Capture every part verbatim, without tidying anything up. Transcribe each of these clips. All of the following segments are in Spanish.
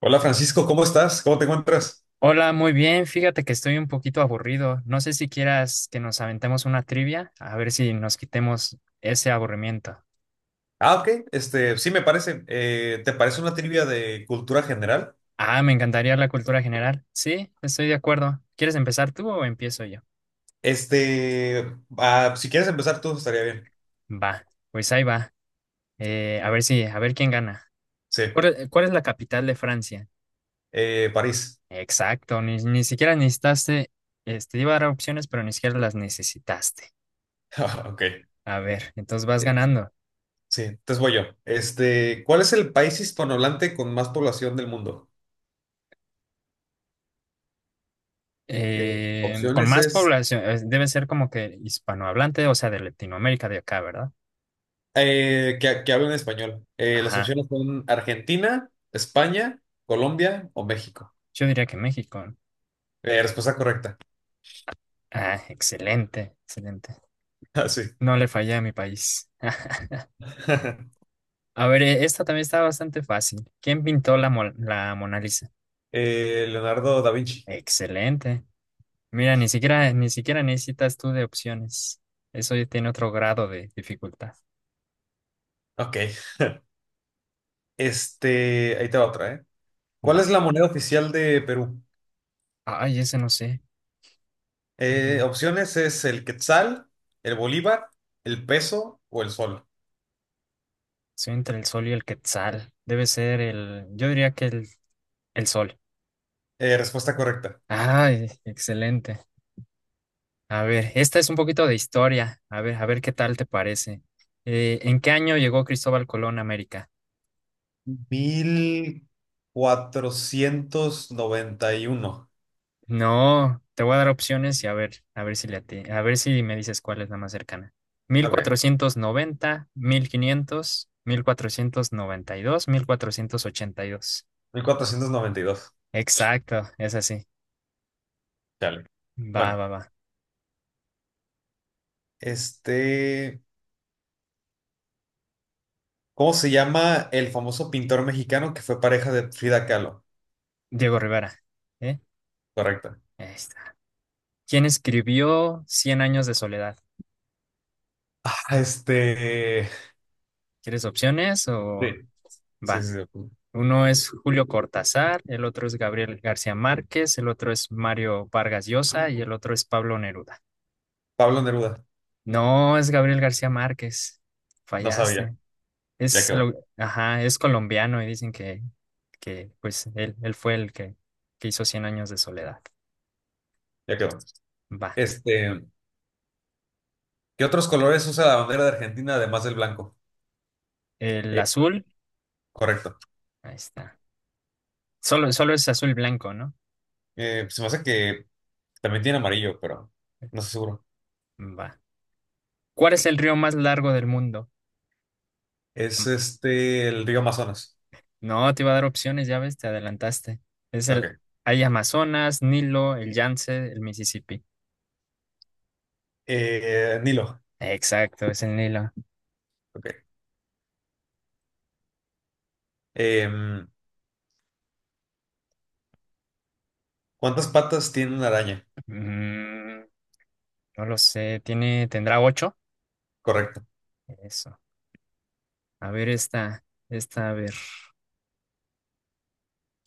Hola Francisco, ¿cómo estás? ¿Cómo te encuentras? Hola, muy bien. Fíjate que estoy un poquito aburrido. No sé si quieras que nos aventemos una trivia, a ver si nos quitemos ese aburrimiento. Ah, ok, este, sí me parece. Eh, ¿te parece una trivia de cultura general? Ah, me encantaría la cultura general. Sí, estoy de acuerdo. ¿Quieres empezar tú o empiezo yo? Este, ah, si quieres empezar tú, estaría bien. Va, pues ahí va. Eh, a ver si, a ver quién gana. Sí. ¿Cuál, es Cuál es la capital de Francia? Eh, París. Exacto, ni, ni siquiera necesitaste, este, iba a dar opciones, pero ni siquiera las necesitaste. Ok. A ver, entonces vas Eh, ganando. Sí, entonces voy yo. Este, ¿cuál es el país hispanohablante con más población del mundo? Eh, Eh, con opciones más es población, es- debe ser como que hispanohablante, o sea, de Latinoamérica de acá, ¿verdad? eh, que, que hablen español. Eh, las Ajá, opciones son Argentina, España, Colombia o México. yo diría que México. Eh, respuesta correcta. Ah, excelente, excelente. Ah, sí. No le fallé a mi país. A ver, eh, esta también está bastante fácil. ¿Quién pintó la, Mo- la Mona Lisa? Eh, Leonardo da Vinci. Excelente. Mira, ni siquiera, ni siquiera necesitas tú de opciones. Eso ya tiene otro grado de dificultad. Ok. Este, ahí te va otra, ¿eh? ¿Cuál Va. es la moneda oficial de Perú? Ay, ese no sé. Eh, Mm, opciones es el quetzal, el bolívar, el peso o el sol. Soy entre el sol y el quetzal. Debe ser el, yo diría que el, el sol. Eh, respuesta correcta. Ah, excelente. A ver, esta es un poquito de historia. A ver, a ver qué tal te parece. Eh, ¿en qué año llegó Cristóbal Colón a América? mil cuatrocientos noventa y uno. No, te voy a dar opciones y a ver, a ver si le ati- a ver si me dices cuál es la más cercana. Mil Ok. mil mil quinientos, mil cuatrocientos cuatrocientos noventa, noventa quinientos, y dos, mil cuatrocientos ochenta y dos. Mil cuatrocientos noventa y dos. Exacto, es así. Dale. Va, Bueno, va, va. este, ¿cómo se llama el famoso pintor mexicano que fue pareja de Frida Kahlo? Diego Rivera. ¿Eh? Correcta. Ahí está. ¿Quién escribió Cien años de soledad? Ah, este. ¿Quieres opciones Sí. o Sí, va? sí, sí. Uno es Julio Cortázar, el otro es Gabriel García Márquez, el otro es Mario Vargas Llosa y el otro es Pablo Neruda. Pablo Neruda. No, es Gabriel García Márquez. No sabía. Fallaste. Ya Es, quedó. El- ajá, es colombiano y dicen que, que pues él, él fue el que, que hizo Cien años de soledad. Ya quedó. Va. Este, ¿qué otros colores usa la bandera de Argentina además del blanco? El Eh, azul, correcto. ahí está. Solo, solo es azul blanco, ¿no? Eh, se me hace que también tiene amarillo, pero no estoy seguro. Va. ¿Cuál es el río más largo del mundo? Es este, el río Amazonas. No, te iba a dar opciones, ya ves, te adelantaste. Es el, Ok. hay Amazonas, Nilo, el Yance, el Mississippi. Eh, Nilo. Exacto, es el Nilo. Ok. Em, ¿cuántas patas tiene una araña? Mm, no lo sé, tiene, ¿tendrá ocho? Correcto. Eso. A ver esta, esta, a ver.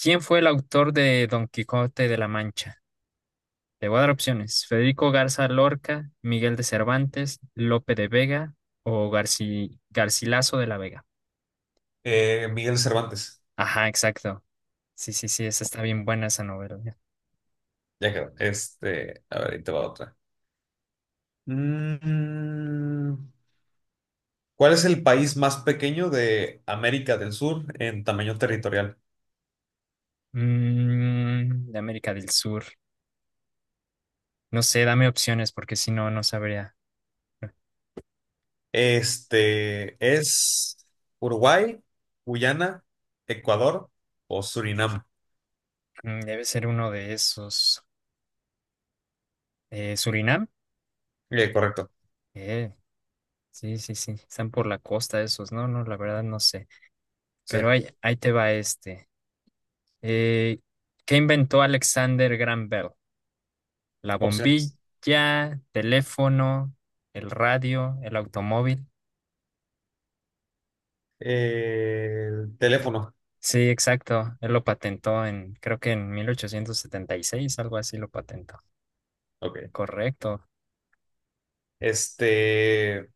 ¿Quién fue el autor de Don Quijote de la Mancha? Te voy a dar opciones. Federico Garza Lorca, Miguel de Cervantes, Lope de Vega o Garci, Garcilaso de la Vega. Eh, Miguel Cervantes. Ajá, exacto. Sí, sí, sí, esa está bien buena esa novela. Ya quedó. Este, a ver, ahí te va otra. Mm, ¿Cuál es el país más pequeño de América del Sur en tamaño territorial? Mm, de América del Sur. No sé, dame opciones porque si no, no sabría. Este es Uruguay, Guyana, Ecuador o Surinam. Mm, debe ser uno de esos. Eh, Surinam. Eh, correcto. Eh, sí, sí, sí. Están por la costa esos. No, no, la verdad no sé. Sí, Pero ahí, ahí te va este. Eh, ¿Qué inventó Alexander Graham Bell? La opciones. bombilla, teléfono, el radio, el automóvil. Eh, el teléfono. Sí, exacto. Él lo patentó en, creo que en mil ochocientos setenta y seis, algo así lo patentó. Ok. Correcto. Este,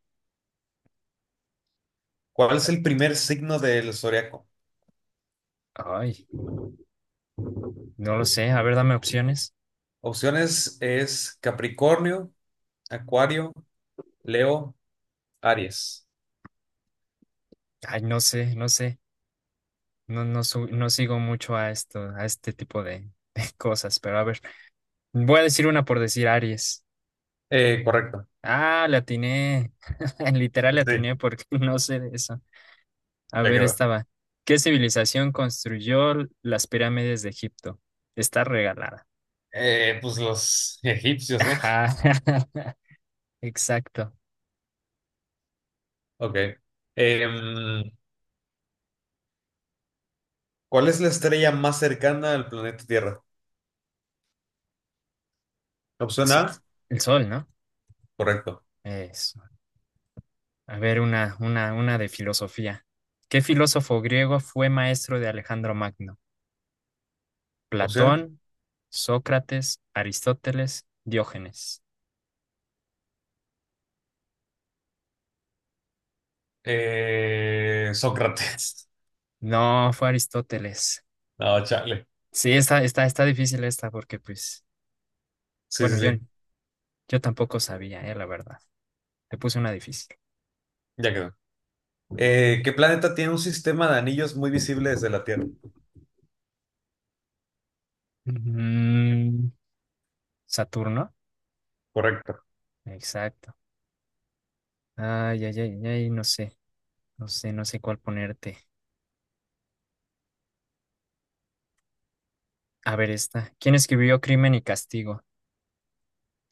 ¿cuál es el primer signo del zodiaco? Ay. No lo sé, a ver, dame opciones. Opciones es Capricornio, Acuario, Leo, Aries. Ay, no sé, no sé. No, no, su- no sigo mucho a esto, a este tipo de, de cosas, pero a ver, voy a decir una por decir Aries. Eh, correcto. Ah, le atiné. Literal le Sí, atiné porque no sé de eso. A ya ver, quedó. estaba. ¿Qué civilización construyó las pirámides de Egipto? Está regalada. Eh, pues los egipcios, ¿no? Ajá, Exacto. Ok. Em, ¿cuál es la estrella más cercana al planeta Tierra? Opción A, El sol, ¿no? correcto. Es. A ver, una, una, una de filosofía. ¿Qué filósofo griego fue maestro de Alejandro Magno? Opciones. ¿Platón, Sócrates, Aristóteles, Diógenes? Eh, Sócrates. No, fue Aristóteles. No, chale. Sí, está, está, está difícil esta porque, pues, Sí, sí, bueno, yo, sí. yo tampoco sabía, eh, la verdad. Te puse una difícil. Ya quedó. Eh, ¿qué planeta tiene un sistema de anillos muy visible desde la Tierra? Mm, Saturno, Correcto. exacto. Ay, ay, ay, ay, no sé, no sé, no sé cuál ponerte. A ver, esta. ¿Quién escribió Crimen y Castigo?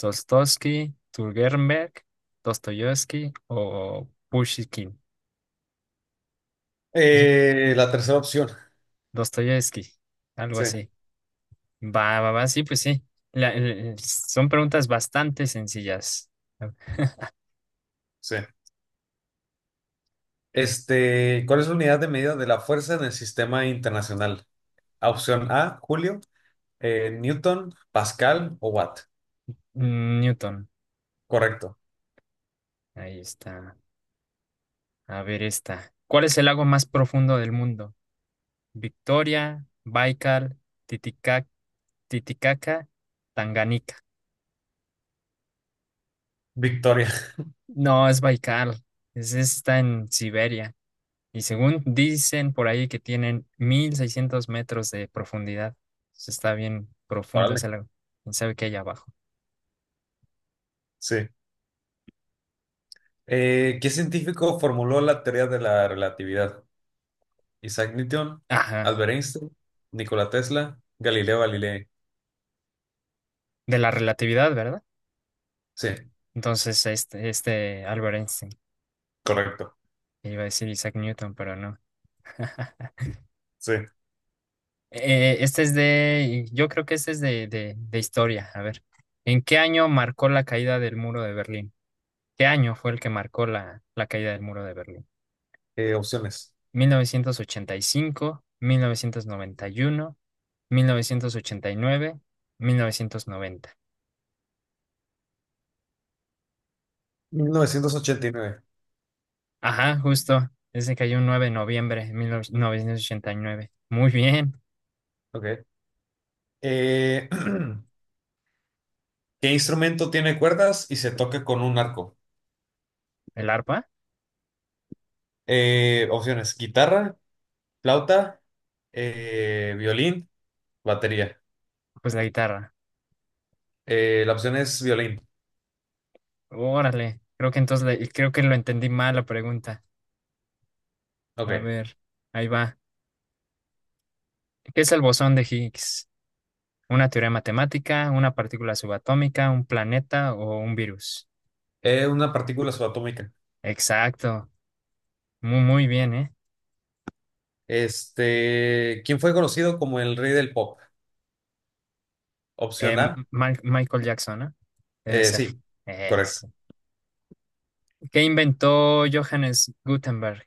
Dostoevsky, Turgenberg, Dostoyevsky o Pushkin. Sí, Eh, la tercera opción. Dostoyevsky, algo Sí, así. Va, va, va, sí, pues sí. La- el- son preguntas bastante sencillas. sí. Este, ¿cuál es la unidad de medida de la fuerza en el sistema internacional? Opción A, Julio, eh, Newton, Pascal o Watt. Newton, Correcto. ahí está. A ver esta. ¿Cuál es el lago más profundo del mundo? Victoria, Baikal, Titicaca, Titicaca, Tanganica. Victoria. No, es Baikal. Ese está en Siberia. Y según dicen por ahí que tienen mil seiscientos metros de profundidad. Entonces, está bien profundo Órale. ese lago. ¿Quién sabe qué hay abajo? Sí. Eh, ¿qué científico formuló la teoría de la relatividad? Isaac Newton, Ajá, Albert Einstein, Nikola Tesla, Galileo Galilei. de la relatividad, ¿verdad? Sí, Entonces, este, este Albert Einstein, correcto. que iba a decir Isaac Newton, pero no. Sí. Eh, este es de, yo creo que este es de, de, de historia. A ver, ¿en qué año marcó la caída del muro de Berlín? ¿Qué año fue el que marcó la, la caída del muro de Berlín? Eh, opciones. ¿mil novecientos ochenta y cinco, mil novecientos noventa y uno, mil mil novecientos ochenta y nueve, mil novecientos noventa? mil novecientos ochenta y nueve. Ajá, justo. Ese cayó un nueve de noviembre de mil novecientos ochenta y nueve. Muy bien. Ok. Eh, ¿Qué instrumento tiene cuerdas y se toca con un arco? ¿El arpa? Eh, opciones. Guitarra, flauta, eh, violín, batería. Pues la guitarra. Eh, la opción es violín. Órale. Creo que entonces le- creo que lo entendí mal la pregunta. A Ok. ver, ahí va. ¿Qué es el bosón de Higgs? ¿Una teoría matemática, una partícula subatómica, un planeta o un virus? Eh, una partícula subatómica. Exacto. Muy, muy bien, ¿eh? Este, ¿quién fue conocido como el rey del pop? Eh, Opción A. Ma- Michael Jackson, ¿eh? Debe Eh, ser. sí, correcto. Es ¿Qué inventó Johannes Gutenberg?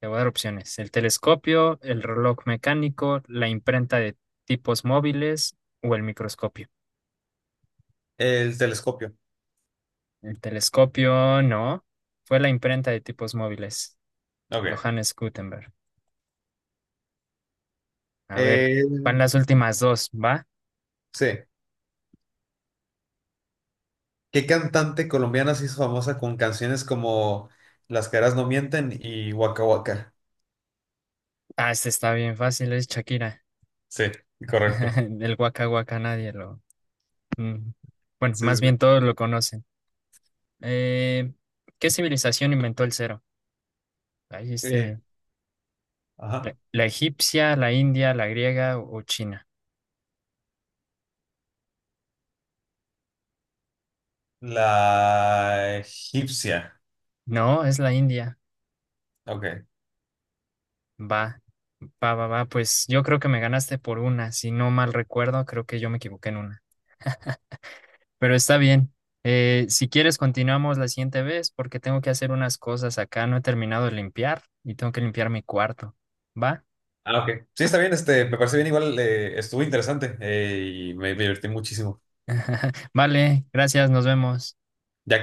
Te voy a dar opciones. El telescopio, el reloj mecánico, la imprenta de tipos móviles o el microscopio. El telescopio. El telescopio no, fue la imprenta de tipos móviles. Ok. Johannes Gutenberg. A ver, Eh, van las últimas dos, ¿va? sí. ¿Qué cantante colombiana se hizo famosa con canciones como Las caras no mienten y Waka Waka? Ah, este está bien fácil, es Shakira. Sí, correcto. El Waka Waka nadie lo... mm, Bueno, Sí, más sí. bien todos lo conocen. Eh, ¿Qué civilización inventó el cero? Ahí Eh, este... La, ajá. La egipcia, la india, la griega o, o china. La egipcia. No, es la india. Ok. Va, va, va, va. Pues yo creo que me ganaste por una. Si no mal recuerdo, creo que yo me equivoqué en una. Pero está bien. Eh, si quieres, continuamos la siguiente vez porque tengo que hacer unas cosas acá. No he terminado de limpiar y tengo que limpiar mi cuarto. ¿Va? Ah, ok. Sí, está bien. Este, me parece bien igual. eh, estuvo interesante eh, y me divertí muchísimo. Vale, gracias, nos vemos. Ya